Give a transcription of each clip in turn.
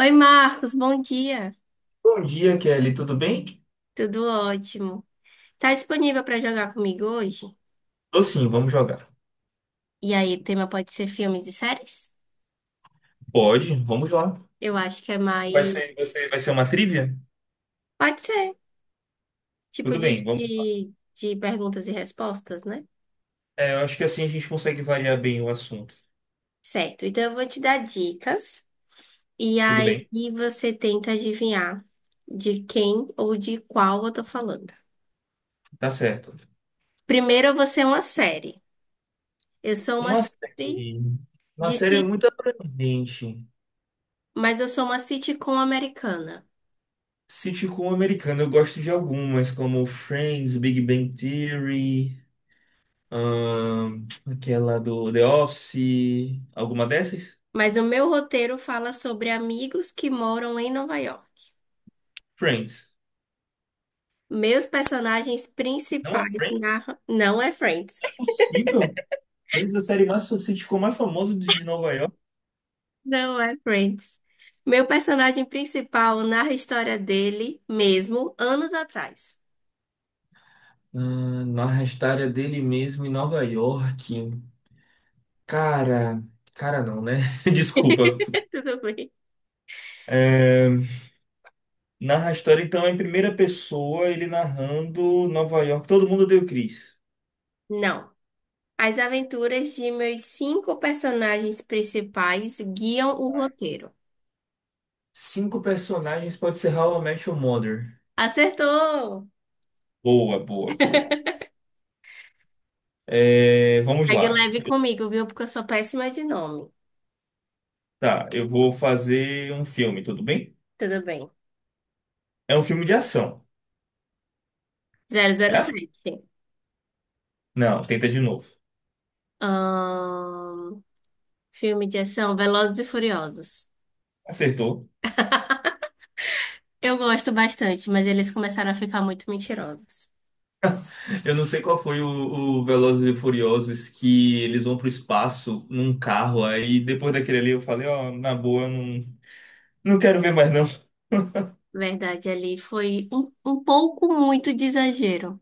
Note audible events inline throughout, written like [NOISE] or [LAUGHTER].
Oi, Marcos, bom dia. Bom dia, Kelly. Tudo bem? Tudo ótimo. Tá disponível para jogar comigo hoje? Tô sim, vamos jogar. E aí, o tema pode ser filmes e séries? Pode, vamos lá. Eu acho que é mais. Vai ser uma trivia? Pode ser. Tipo Tudo de, bem, vamos. de, de perguntas e respostas, né? É, eu acho que assim a gente consegue variar bem o assunto. Certo. Então, eu vou te dar dicas. E Tudo aí, bem, você tenta adivinhar de quem ou de qual eu tô falando. tá certo. Primeiro, eu vou ser uma série. Eu sou uma Uma série série. Uma de. série é sit- muito abrangente. Mas eu sou uma sitcom americana. Sitcom americano, eu gosto de algumas, como Friends, Big Bang Theory, aquela do The Office, alguma dessas? Mas o meu roteiro fala sobre amigos que moram em Nova York. Friends. Meus personagens Não é principais Friends? narram. Não é Friends. Não é [LAUGHS] possível? Talvez a série mais o sitcom mais famoso de Nova York. Não é Friends. Meu personagem principal narra a história dele mesmo, anos atrás. Ah, narra a história dele mesmo em Nova York. Cara, cara não, né? [LAUGHS] Desculpa. [LAUGHS] Tudo bem? É, narra a história, então, em primeira pessoa, ele narrando Nova York. Todo mundo deu Chris. Não. As aventuras de meus cinco personagens principais guiam o roteiro. Cinco personagens pode ser How I Met Your Mother. Acertou! Boa, boa, boa. [LAUGHS] É, vamos Pegue lá. leve comigo, viu? Porque eu sou péssima de nome. Tá, eu vou fazer um filme, tudo bem? Tudo bem. É um filme de ação. Zero zero É ação? sete. Não, tenta de novo. Ahn, Filme de ação, Velozes e Furiosos. Acertou. Eu gosto bastante, mas eles começaram a ficar muito mentirosos. Eu não sei qual foi o Velozes e Furiosos que eles vão pro espaço num carro, aí depois daquele ali eu falei, ó, na boa, não, não quero ver mais não. Verdade, ali foi um pouco muito de exagero.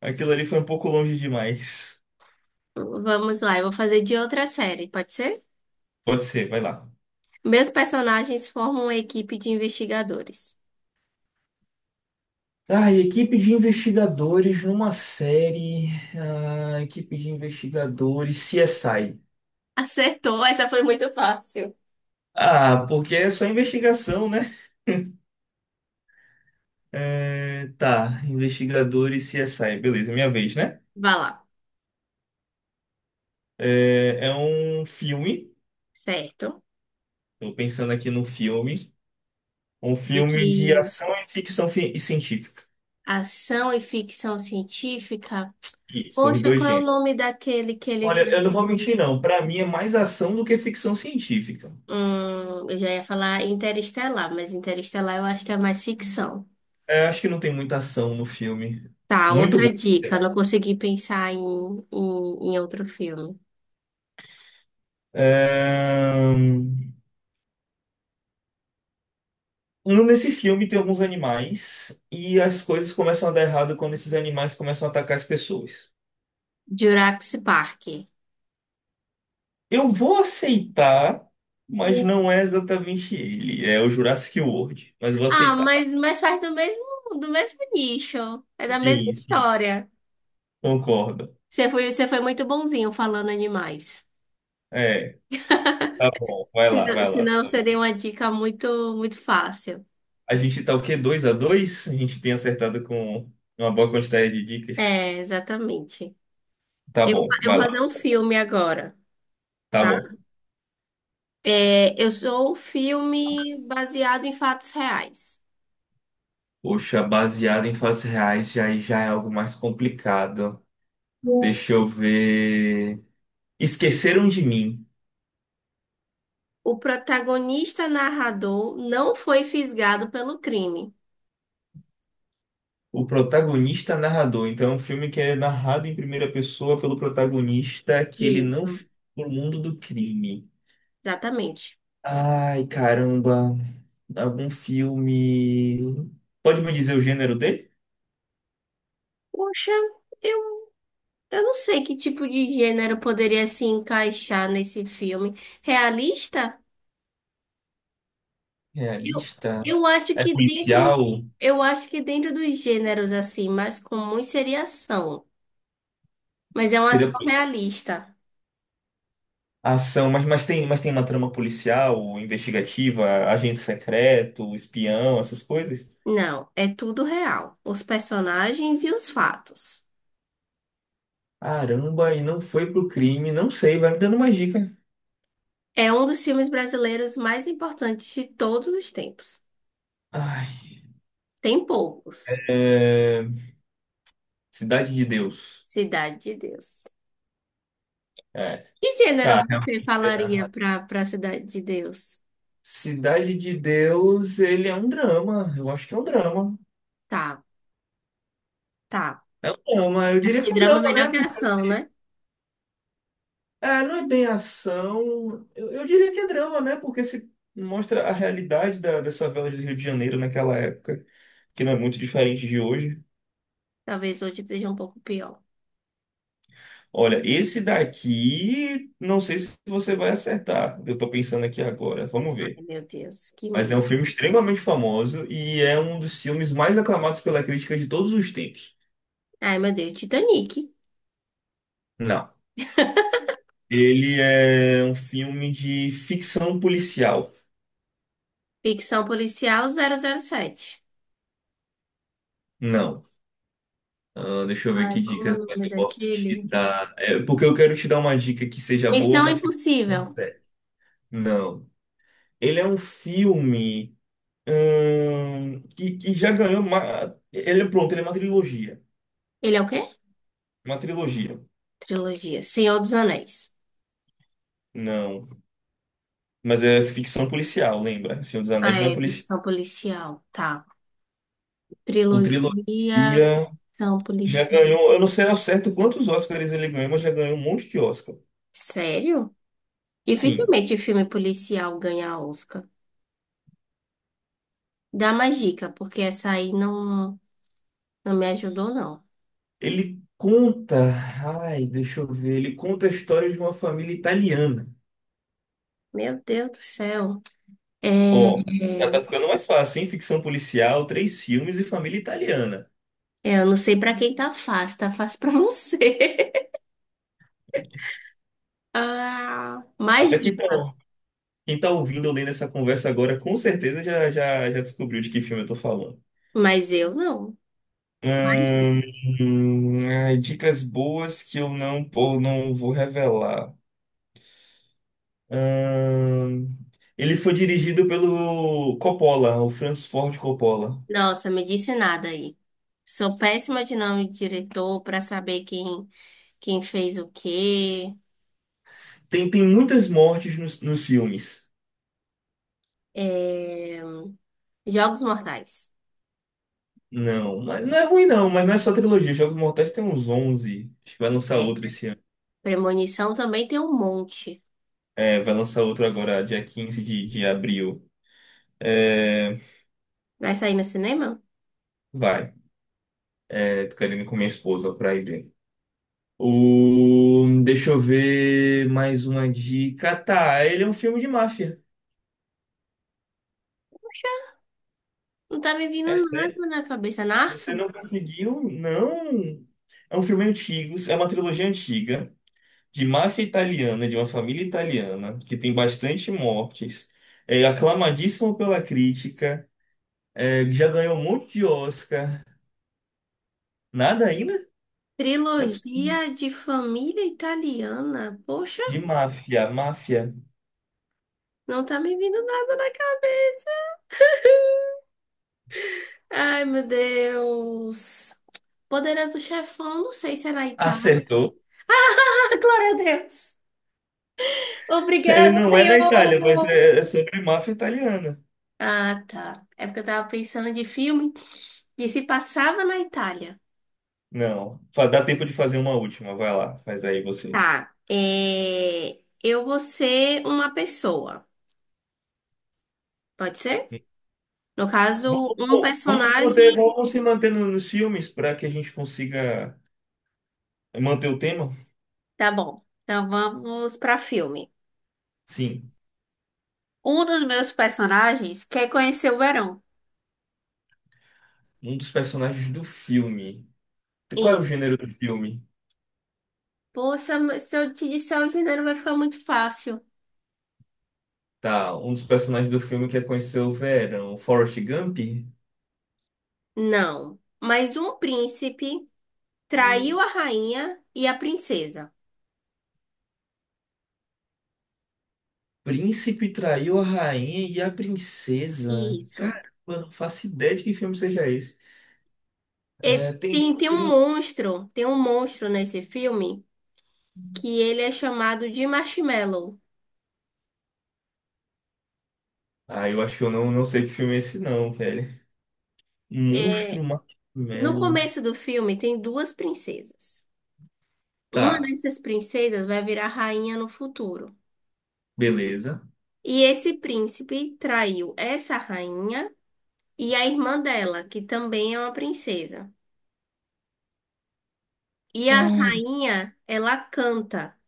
Aquilo ali foi um pouco longe demais. Vamos lá, eu vou fazer de outra série, pode ser? Pode ser, vai lá. Meus personagens formam uma equipe de investigadores. Ah, e equipe de investigadores numa série. Ah, equipe de investigadores CSI. [LAUGHS] Acertou, essa foi muito fácil. Ah, porque é só investigação, né? É, tá, investigadores CSI. Beleza, minha vez, né? Vá lá, É um filme. certo? Tô pensando aqui no filme. Um De filme de que ação e ficção e científica. Ação e ficção científica. Isso, os Poxa, dois qual é o gêneros. nome daquele que ele Olha, vai. eu não vou mentir, não. Pra mim é mais ação do que ficção científica. Eu já ia falar Interestelar, mas Interestelar eu acho que é mais ficção. É, acho que não tem muita ação no filme. Tá, Muito outra bom. dica. Não consegui pensar em outro filme. Ahn, Nesse filme tem alguns animais e as coisas começam a dar errado quando esses animais começam a atacar as pessoas. Jurassic Park. Eu vou aceitar, mas não é exatamente ele. É o Jurassic World, mas vou Ah, aceitar. mas faz do mesmo nicho. É da mesma Sim, sim, história. concordo. Você foi muito bonzinho falando animais. É. Tá [LAUGHS] bom, vai lá, Senão, vai lá. senão Tá seria bom. uma dica muito, muito fácil. A gente tá o quê? 2-2. A gente tem acertado com uma boa quantidade de dicas. É, exatamente. Tá Eu, bom, eu vai vou lá. fazer um filme agora, Tá tá? bom. É, eu sou um filme baseado em fatos reais. Poxa, baseado em fatos reais já é algo mais complicado. Deixa eu ver. Esqueceram de mim. O protagonista narrador não foi fisgado pelo crime. O protagonista é narrador. Então é um filme que é narrado em primeira pessoa pelo protagonista que ele não Isso, foi pro mundo do crime. exatamente. Ai, caramba. Algum filme. Pode me dizer o gênero dele? Poxa, eu, eu não sei que tipo de gênero poderia se encaixar nesse filme. Realista? Eu, Realista? eu acho É que dentro, policial? eu acho que dentro dos gêneros assim, mais comum seria ação. Mas é uma ação Seria realista. ação, mas tem uma trama policial, investigativa, agente secreto, espião, essas coisas? Não, é tudo real. Os personagens e os fatos. Caramba, e não foi pro crime, não sei, vai me dando mais dica. É um dos filmes brasileiros mais importantes de todos os tempos. Ai, Tem poucos. é, Cidade de Deus. Cidade de Deus. É, Que tá, gênero você realmente é falaria narrado. pra Cidade de Deus? Cidade de Deus, ele é um drama, eu acho que é um drama. Tá, tá. É um drama, eu Acho diria que que é um drama é drama, né? melhor que ação, né? É, não é bem ação. Eu diria que é drama, né? Porque se mostra a realidade das favelas do Rio de Janeiro naquela época, que não é muito diferente de hoje. Talvez hoje esteja um pouco pior. Olha, esse daqui, não sei se você vai acertar. Eu tô pensando aqui agora. Vamos Ai, ver. meu Deus, que Mas é medo. um filme extremamente famoso e é um dos filmes mais aclamados pela crítica de todos os tempos. Ai, meu Deus, Titanic. Não. [LAUGHS] Ele é um filme de ficção policial. Ficção policial 007. Não. Ah, deixa eu ver que Ai, como é o dicas mais nome eu posso te daquele? dar. É, porque eu quero te dar uma dica que seja boa, Missão mas que não Impossível. serve. Não. Ele é um filme que já ganhou uma. Ele é pronto, ele é uma trilogia. Ele é o quê? Uma trilogia. Trilogia. Senhor dos Anéis. Não. Mas é ficção policial, lembra? Senhor dos Anéis Ah, não é é policial. ficção policial. Tá. O Trilogia, trilogia são já policial. ganhou. Eu não sei ao certo quantos Oscars ele ganhou, mas já ganhou um monte de Oscar. Sério? Sim. Dificilmente filme policial ganha Oscar. Dá mais dica, porque essa aí não, não me ajudou, não. Ele conta, ai, deixa eu ver, ele conta a história de uma família italiana. Meu Deus do céu. É, Ó, já é, tá ficando mais fácil, hein? Ficção policial, três filmes e família italiana. Eu não sei pra quem tá fácil pra você. [LAUGHS] Ah, mais Até que dica. então, quem tá ouvindo ou lendo essa conversa agora, com certeza já, já, já descobriu de que filme eu tô falando. Mas eu não. Mais Hum, dica. Ai, dicas boas que eu não, pô, não vou revelar. Hum, ele foi dirigido pelo Coppola, o Francis Ford Coppola. Nossa, me disse nada aí. Sou péssima de nome de diretor pra saber quem fez o quê. Tem muitas mortes nos filmes. É, Jogos Mortais. Não, mas não é ruim não, mas não é só trilogia. Jogos Mortais tem uns 11. Acho que vai lançar É. outro esse ano. Premonição também tem um monte. É, vai lançar outro agora, dia 15 de abril. É, Vai sair no cinema? vai. É, tô querendo ir com minha esposa pra ir ver. O, deixa eu ver mais uma dica. Tá, ele é um filme de máfia. Não tá me vindo É sério? nada na cabeça. Você Narco? não conseguiu? Não. É um filme antigo, é uma trilogia antiga, de máfia italiana, de uma família italiana, que tem bastante mortes, é aclamadíssimo pela crítica, é, já ganhou um monte de Oscar. Nada ainda? Não é possível. Trilogia de família italiana. Poxa, De máfia, máfia. não tá me vindo nada na cabeça. Ai, meu Deus. Poderoso Chefão, não sei se é na Itália. [LAUGHS] Acertou. Ah, glória a Deus. Ele Obrigada, não é na Itália, mas Senhor. é sobre máfia italiana. Ah, tá. É porque eu tava pensando de filme que se passava na Itália. Não. Dá tempo de fazer uma última. Vai lá, faz aí você. Tá. Eu vou ser uma pessoa. Pode ser? No caso, um Vamos, vamos se manter, personagem. vamos se manter no- nos filmes para que a gente consiga manter o tema? Tá bom. Então vamos pra filme. Sim. Um dos meus personagens quer conhecer o verão. Um dos personagens do filme. Qual é o Isso. gênero do filme? Poxa, mas se eu te disser o gênero, vai ficar muito fácil. Tá, um dos personagens do filme quer conhecer o verão. Forrest Gump? Não. Mas um príncipe traiu a rainha e a princesa. Príncipe traiu a rainha e a princesa. Isso. Caramba, não faço ideia de que filme seja esse. E É, tem. tem um monstro. Tem um monstro nesse filme que ele é chamado de Marshmallow. Ah, eu acho que eu não sei que filme é esse, não, velho. Monstro É, no Marshmallow. começo do filme, tem duas princesas. Uma Tá, dessas princesas vai virar rainha no futuro. beleza. E esse príncipe traiu essa rainha e a irmã dela, que também é uma princesa. E a Ai, rainha, ela canta.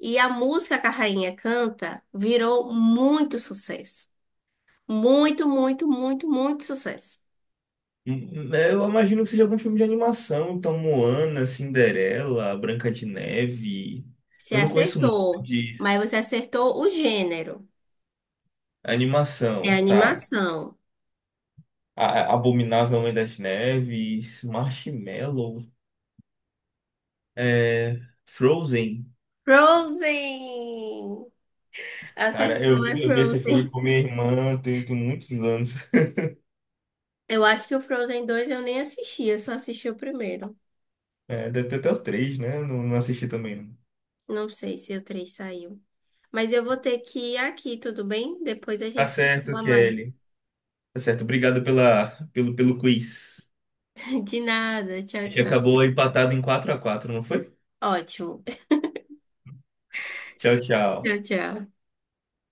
E a música que a rainha canta virou muito sucesso. Muito, muito, muito, muito sucesso. hum, hum, é, eu imagino que seja algum filme de animação. Então, Moana, Cinderela, Branca de Neve. Você Eu não conheço muito acertou, disso. mas você acertou o gênero. É Animação, tá. animação. Abominável Homem das Neves, Marshmallow, é, Frozen. Frozen! Cara, eu Acertou, vi, é eu vi esse filme Frozen. com minha irmã tem, muitos anos. [LAUGHS] Eu acho que o Frozen 2 eu nem assisti, eu só assisti o primeiro. É, deve ter até o três, né? Não, não assisti também, não. Não sei se o 3 saiu. Mas eu vou ter que ir aqui, tudo bem? Depois a Tá gente se certo, fala mais. Kelly. Tá certo. Obrigado pelo quiz. [LAUGHS] De nada, tchau, A gente tchau. acabou empatado em 4-4, não foi? Ótimo. [LAUGHS] Tchau, tchau. Tchau, tchau.